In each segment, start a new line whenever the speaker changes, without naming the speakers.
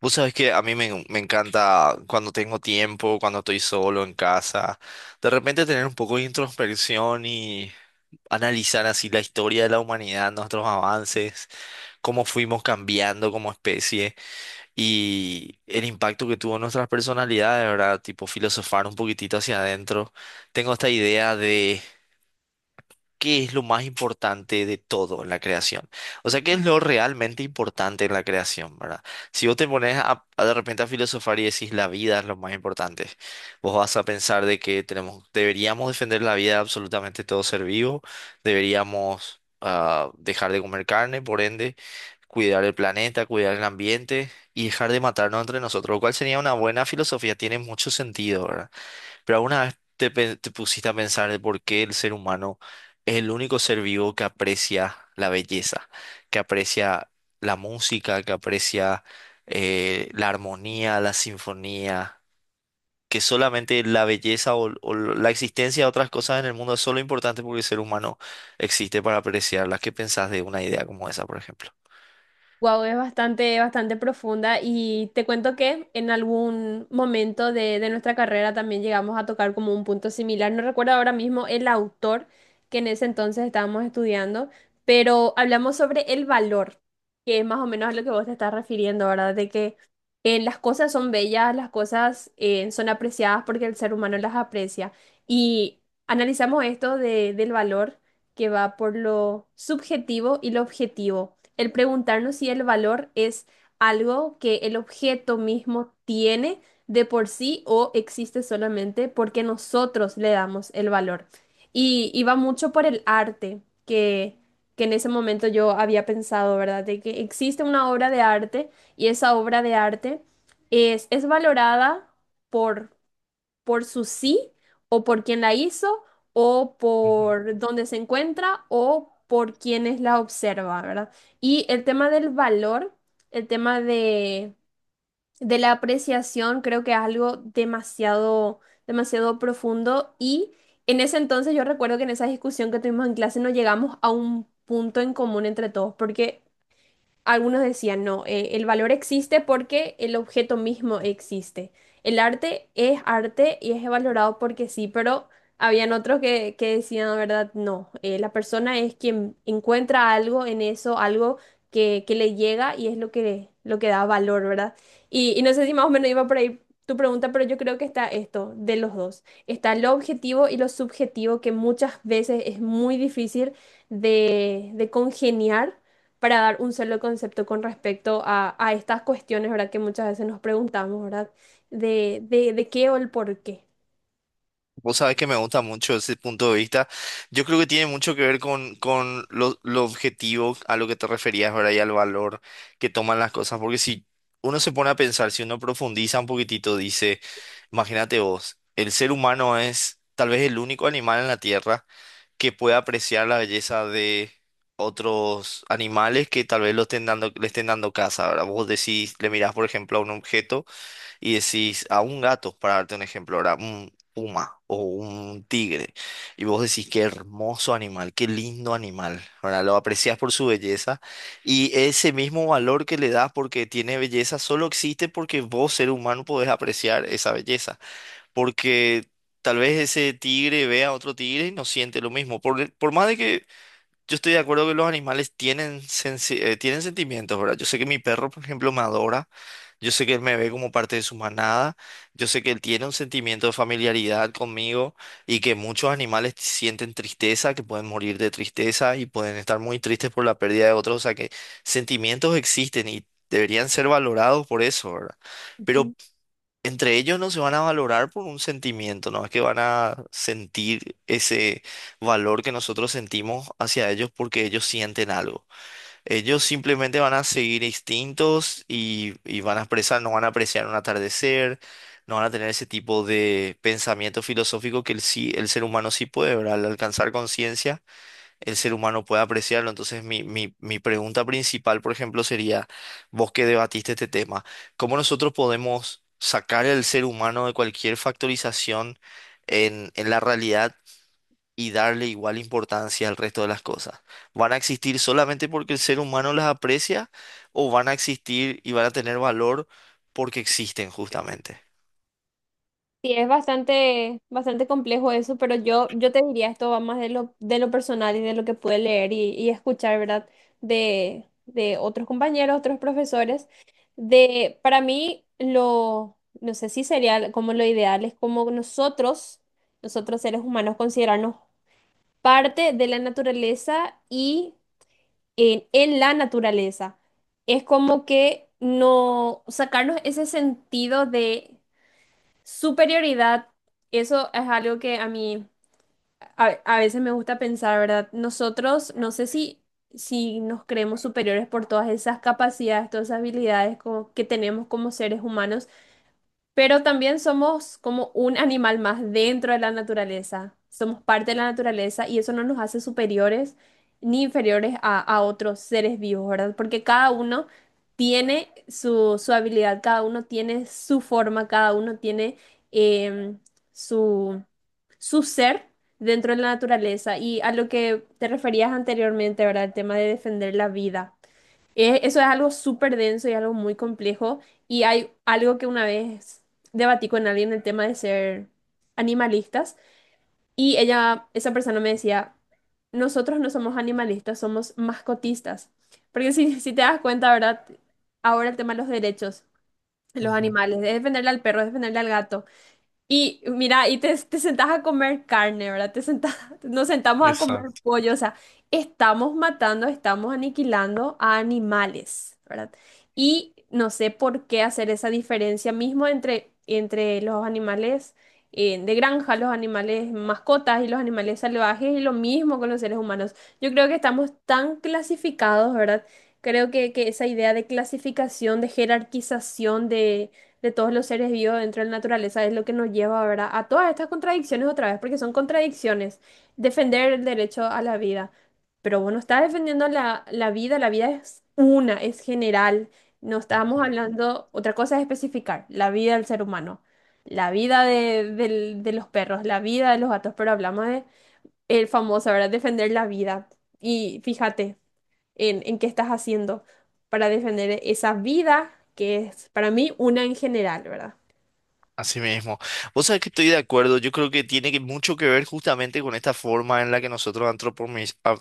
Vos sabés que a mí me encanta cuando tengo tiempo, cuando estoy solo en casa, de repente tener un poco de introspección y analizar así la historia de la humanidad, nuestros avances, cómo fuimos cambiando como especie y el impacto que tuvo en nuestras personalidades, ¿verdad? Tipo filosofar un poquitito hacia adentro. Tengo esta idea de qué es lo más importante de todo en la creación. O sea, qué es lo realmente importante en la creación, ¿verdad? Si vos te pones a de repente a filosofar y decís la vida es lo más importante, vos vas a pensar de que tenemos, deberíamos defender la vida de absolutamente todo ser vivo, deberíamos dejar de comer carne, por ende, cuidar el planeta, cuidar el ambiente y dejar de matarnos entre nosotros, lo cual sería una buena filosofía, tiene mucho sentido, ¿verdad? Pero alguna vez te, te pusiste a pensar de por qué el ser humano es el único ser vivo que aprecia la belleza, que aprecia la música, que aprecia la armonía, la sinfonía, que solamente la belleza o la existencia de otras cosas en el mundo es solo importante porque el ser humano existe para apreciarlas. ¿Qué pensás de una idea como esa, por ejemplo?
Wow, es bastante, bastante profunda y te cuento que en algún momento de nuestra carrera también llegamos a tocar como un punto similar. No recuerdo ahora mismo el autor que en ese entonces estábamos estudiando, pero hablamos sobre el valor, que es más o menos a lo que vos te estás refiriendo, ¿verdad? De que las cosas son bellas, las cosas son apreciadas porque el ser humano las aprecia. Y analizamos del valor que va por lo subjetivo y lo objetivo. El preguntarnos si el valor es algo que el objeto mismo tiene de por sí o existe solamente porque nosotros le damos el valor. Y va mucho por el arte, que en ese momento yo había pensado, ¿verdad? De que existe una obra de arte y esa obra de arte es valorada por su sí o por quién la hizo o por dónde se encuentra o por quienes la observa, ¿verdad? Y el tema del valor, el tema de la apreciación, creo que es algo demasiado, demasiado profundo y en ese entonces yo recuerdo que en esa discusión que tuvimos en clase no llegamos a un punto en común entre todos porque algunos decían, no, el valor existe porque el objeto mismo existe. El arte es arte y es valorado porque sí, pero habían otros que decían, la verdad, no, la persona es quien encuentra algo en eso, algo que le llega y es lo lo que da valor, ¿verdad? Y no sé si más o menos iba por ahí tu pregunta, pero yo creo que está esto, de los dos. Está lo objetivo y lo subjetivo, que muchas veces es muy difícil de congeniar para dar un solo concepto con respecto a estas cuestiones, ¿verdad? Que muchas veces nos preguntamos, ¿verdad? De qué o el por qué.
Vos sabés que me gusta mucho ese punto de vista. Yo creo que tiene mucho que ver con lo objetivo a lo que te referías, ¿verdad? Y al valor que toman las cosas. Porque si uno se pone a pensar, si uno profundiza un poquitito, dice, imagínate vos, el ser humano es tal vez el único animal en la Tierra que puede apreciar la belleza de otros animales que tal vez lo estén dando, le estén dando caza, ¿verdad? Vos decís, le mirás, por ejemplo, a un objeto y decís a un gato, para darte un ejemplo ahora, un puma o un tigre, y vos decís qué hermoso animal, qué lindo animal, ¿verdad? Lo aprecias por su belleza y ese mismo valor que le das porque tiene belleza solo existe porque vos, ser humano, podés apreciar esa belleza, porque tal vez ese tigre vea a otro tigre y no siente lo mismo. Por más de que yo estoy de acuerdo que los animales tienen, tienen sentimientos, ¿verdad? Yo sé que mi perro, por ejemplo, me adora. Yo sé que él me ve como parte de su manada. Yo sé que él tiene un sentimiento de familiaridad conmigo y que muchos animales sienten tristeza, que pueden morir de tristeza y pueden estar muy tristes por la pérdida de otros. O sea que sentimientos existen y deberían ser valorados por eso, ¿verdad? Pero
Ujú.
entre ellos no se van a valorar por un sentimiento, no es que van a sentir ese valor que nosotros sentimos hacia ellos porque ellos sienten algo. Ellos simplemente van a seguir instintos y van a expresar, no van a apreciar un atardecer, no van a tener ese tipo de pensamiento filosófico que el, sí, el ser humano sí puede, ¿verdad? Al alcanzar conciencia el ser humano puede apreciarlo. Entonces, mi pregunta principal, por ejemplo, sería, vos que debatiste este tema, ¿cómo nosotros podemos sacar al ser humano de cualquier factorización en la realidad y darle igual importancia al resto de las cosas? ¿Van a existir solamente porque el ser humano las aprecia o van a existir y van a tener valor porque existen justamente?
Sí, es bastante, bastante complejo eso, pero yo te diría, esto va más de de lo personal y de lo que pude leer y escuchar, ¿verdad? De otros compañeros, otros profesores. De, para mí, lo, no sé si sería como lo ideal, es como nosotros seres humanos, considerarnos parte de la naturaleza y en la naturaleza. Es como que no sacarnos ese sentido de superioridad, eso es algo que a mí a veces me gusta pensar, ¿verdad? Nosotros, no sé si, si nos creemos superiores por todas esas capacidades, todas esas habilidades que tenemos como seres humanos, pero también somos como un animal más dentro de la naturaleza. Somos parte de la naturaleza y eso no nos hace superiores ni inferiores a otros seres vivos, ¿verdad? Porque cada uno tiene su habilidad, cada uno tiene su forma, cada uno tiene em, su, su ser dentro de la naturaleza. Y a lo que te referías anteriormente, ¿verdad? El tema de defender la vida. Eso es algo súper denso y algo muy complejo. Y hay algo que una vez debatí con alguien el tema de ser animalistas. Y ella, esa persona me decía, nosotros no somos animalistas, somos mascotistas. Porque si, si te das cuenta, ¿verdad? Ahora el tema de los derechos de los
Ujú.
animales, es defenderle al perro, es defenderle al gato. Y mira, te sentás a comer carne, ¿verdad? Te sentás, nos sentamos a comer
Exacto.
pollo, o sea, estamos matando, estamos aniquilando a animales, ¿verdad? Y no sé por qué hacer esa diferencia mismo entre los animales de granja, los animales mascotas y los animales salvajes, y lo mismo con los seres humanos. Yo creo que estamos tan clasificados, ¿verdad? Creo que esa idea de clasificación, de jerarquización, de todos los seres vivos dentro de la naturaleza es lo que nos lleva, ¿verdad? A todas estas contradicciones otra vez, porque son contradicciones. Defender el derecho a la vida. Pero bueno, está defendiendo la vida es una, es general. No estábamos
Ujú.
hablando, otra cosa es especificar, la vida del ser humano, la vida de los perros, la vida de los gatos, pero hablamos de el famoso, ¿verdad? Defender la vida. Y fíjate en qué estás haciendo para defender esa vida que es para mí una en general, ¿verdad?
Así mismo. Vos sabés que estoy de acuerdo. Yo creo que mucho que ver justamente con esta forma en la que nosotros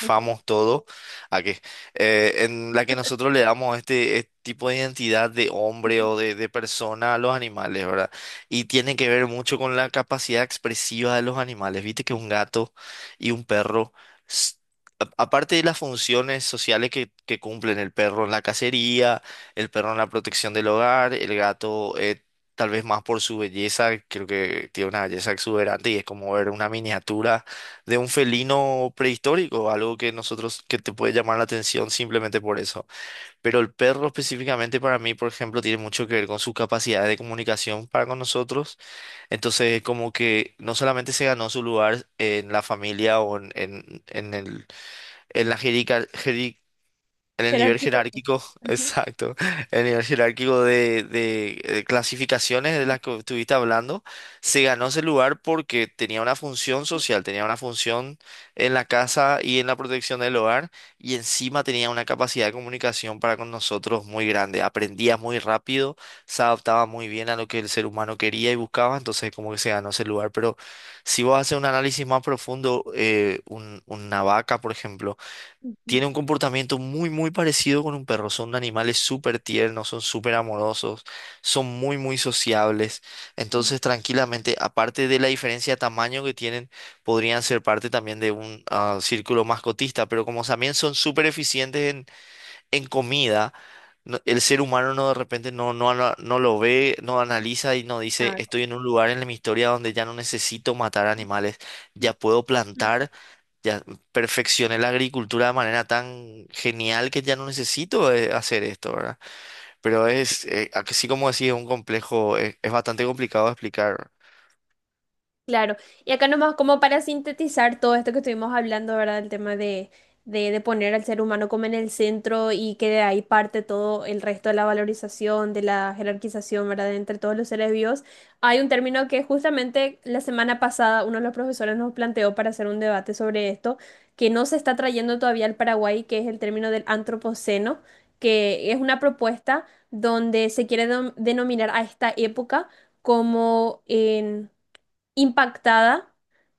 Ujú,
todo. ¿A qué? En la que nosotros le damos este, este tipo de identidad de hombre
ujú.
o de persona a los animales, ¿verdad? Y tiene que ver mucho con la capacidad expresiva de los animales. Viste que un gato y un perro. s- Aparte de las funciones sociales que cumplen el perro en la cacería, el perro en la protección del hogar, el gato tal vez más por su belleza, creo que tiene una belleza exuberante y es como ver una miniatura de un felino prehistórico, algo que nosotros, que te puede llamar la atención simplemente por eso. Pero el perro específicamente para mí, por ejemplo, tiene mucho que ver con sus capacidades de comunicación para con nosotros. Entonces, como que no solamente se ganó su lugar en la familia o en el, en la en el nivel
Jerarquización.
jerárquico,
Ujú.
exacto, en el nivel jerárquico clasificaciones de las que estuviste hablando, se ganó ese lugar porque tenía una función social, tenía una función en la casa y en la protección del hogar, y encima tenía una capacidad de comunicación para con nosotros muy grande. Aprendía muy rápido, se adaptaba muy bien a lo que el ser humano quería y buscaba, entonces como que se ganó ese lugar. Pero si vos haces un análisis más profundo, una vaca, por ejemplo,
Ujú,
tiene un comportamiento muy parecido con un perro. Son animales súper tiernos, son súper amorosos, son muy sociables.
ujú.
Entonces, tranquilamente, aparte de la diferencia de tamaño que tienen, podrían ser parte también de un círculo mascotista, pero como también son súper eficientes en comida, el ser humano no de repente no lo ve, no analiza y no dice,
Claro.
estoy en un lugar en mi historia donde ya no necesito matar animales, ya puedo plantar, ya perfeccioné la agricultura de manera tan genial que ya no necesito hacer esto, ¿verdad? Pero es, así como decía, es un complejo, es bastante complicado de explicar.
Claro, y acá nomás como para sintetizar todo esto que estuvimos hablando, ¿verdad? El tema de poner al ser humano como en el centro y que de ahí parte todo el resto de la valorización, de la jerarquización, ¿verdad? Entre todos los seres vivos. Hay un término que justamente la semana pasada uno de los profesores nos planteó para hacer un debate sobre esto, que no se está trayendo todavía al Paraguay, que es el término del antropoceno, que es una propuesta donde se quiere denominar a esta época como en impactada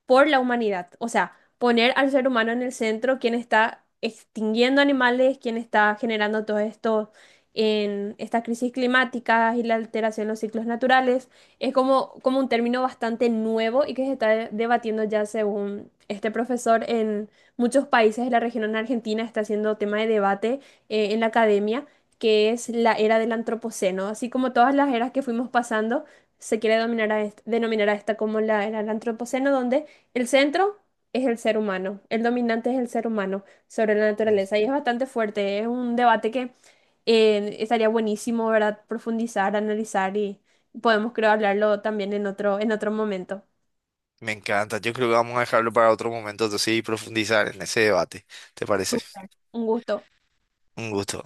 por la humanidad. O sea, poner al ser humano en el centro, quien está extinguiendo animales, quien está generando todo esto en estas crisis climáticas y la alteración de los ciclos naturales, es como, como un término bastante nuevo y que se está debatiendo ya según este profesor en muchos países de la región en Argentina, está haciendo tema de debate en la academia. Que es la era del antropoceno, así como todas las eras que fuimos pasando, se quiere dominar a denominar a esta como la era del antropoceno, donde el centro es el ser humano, el dominante es el ser humano sobre la
Mm.
naturaleza. Y es bastante fuerte, es un debate que estaría buenísimo, ¿verdad? Profundizar, analizar y podemos, creo, hablarlo también en otro momento.
Me encanta, yo creo que vamos a dejarlo para otro momento, entonces, y profundizar en ese debate, ¿te parece?
Súper. Un gusto.
Un gusto.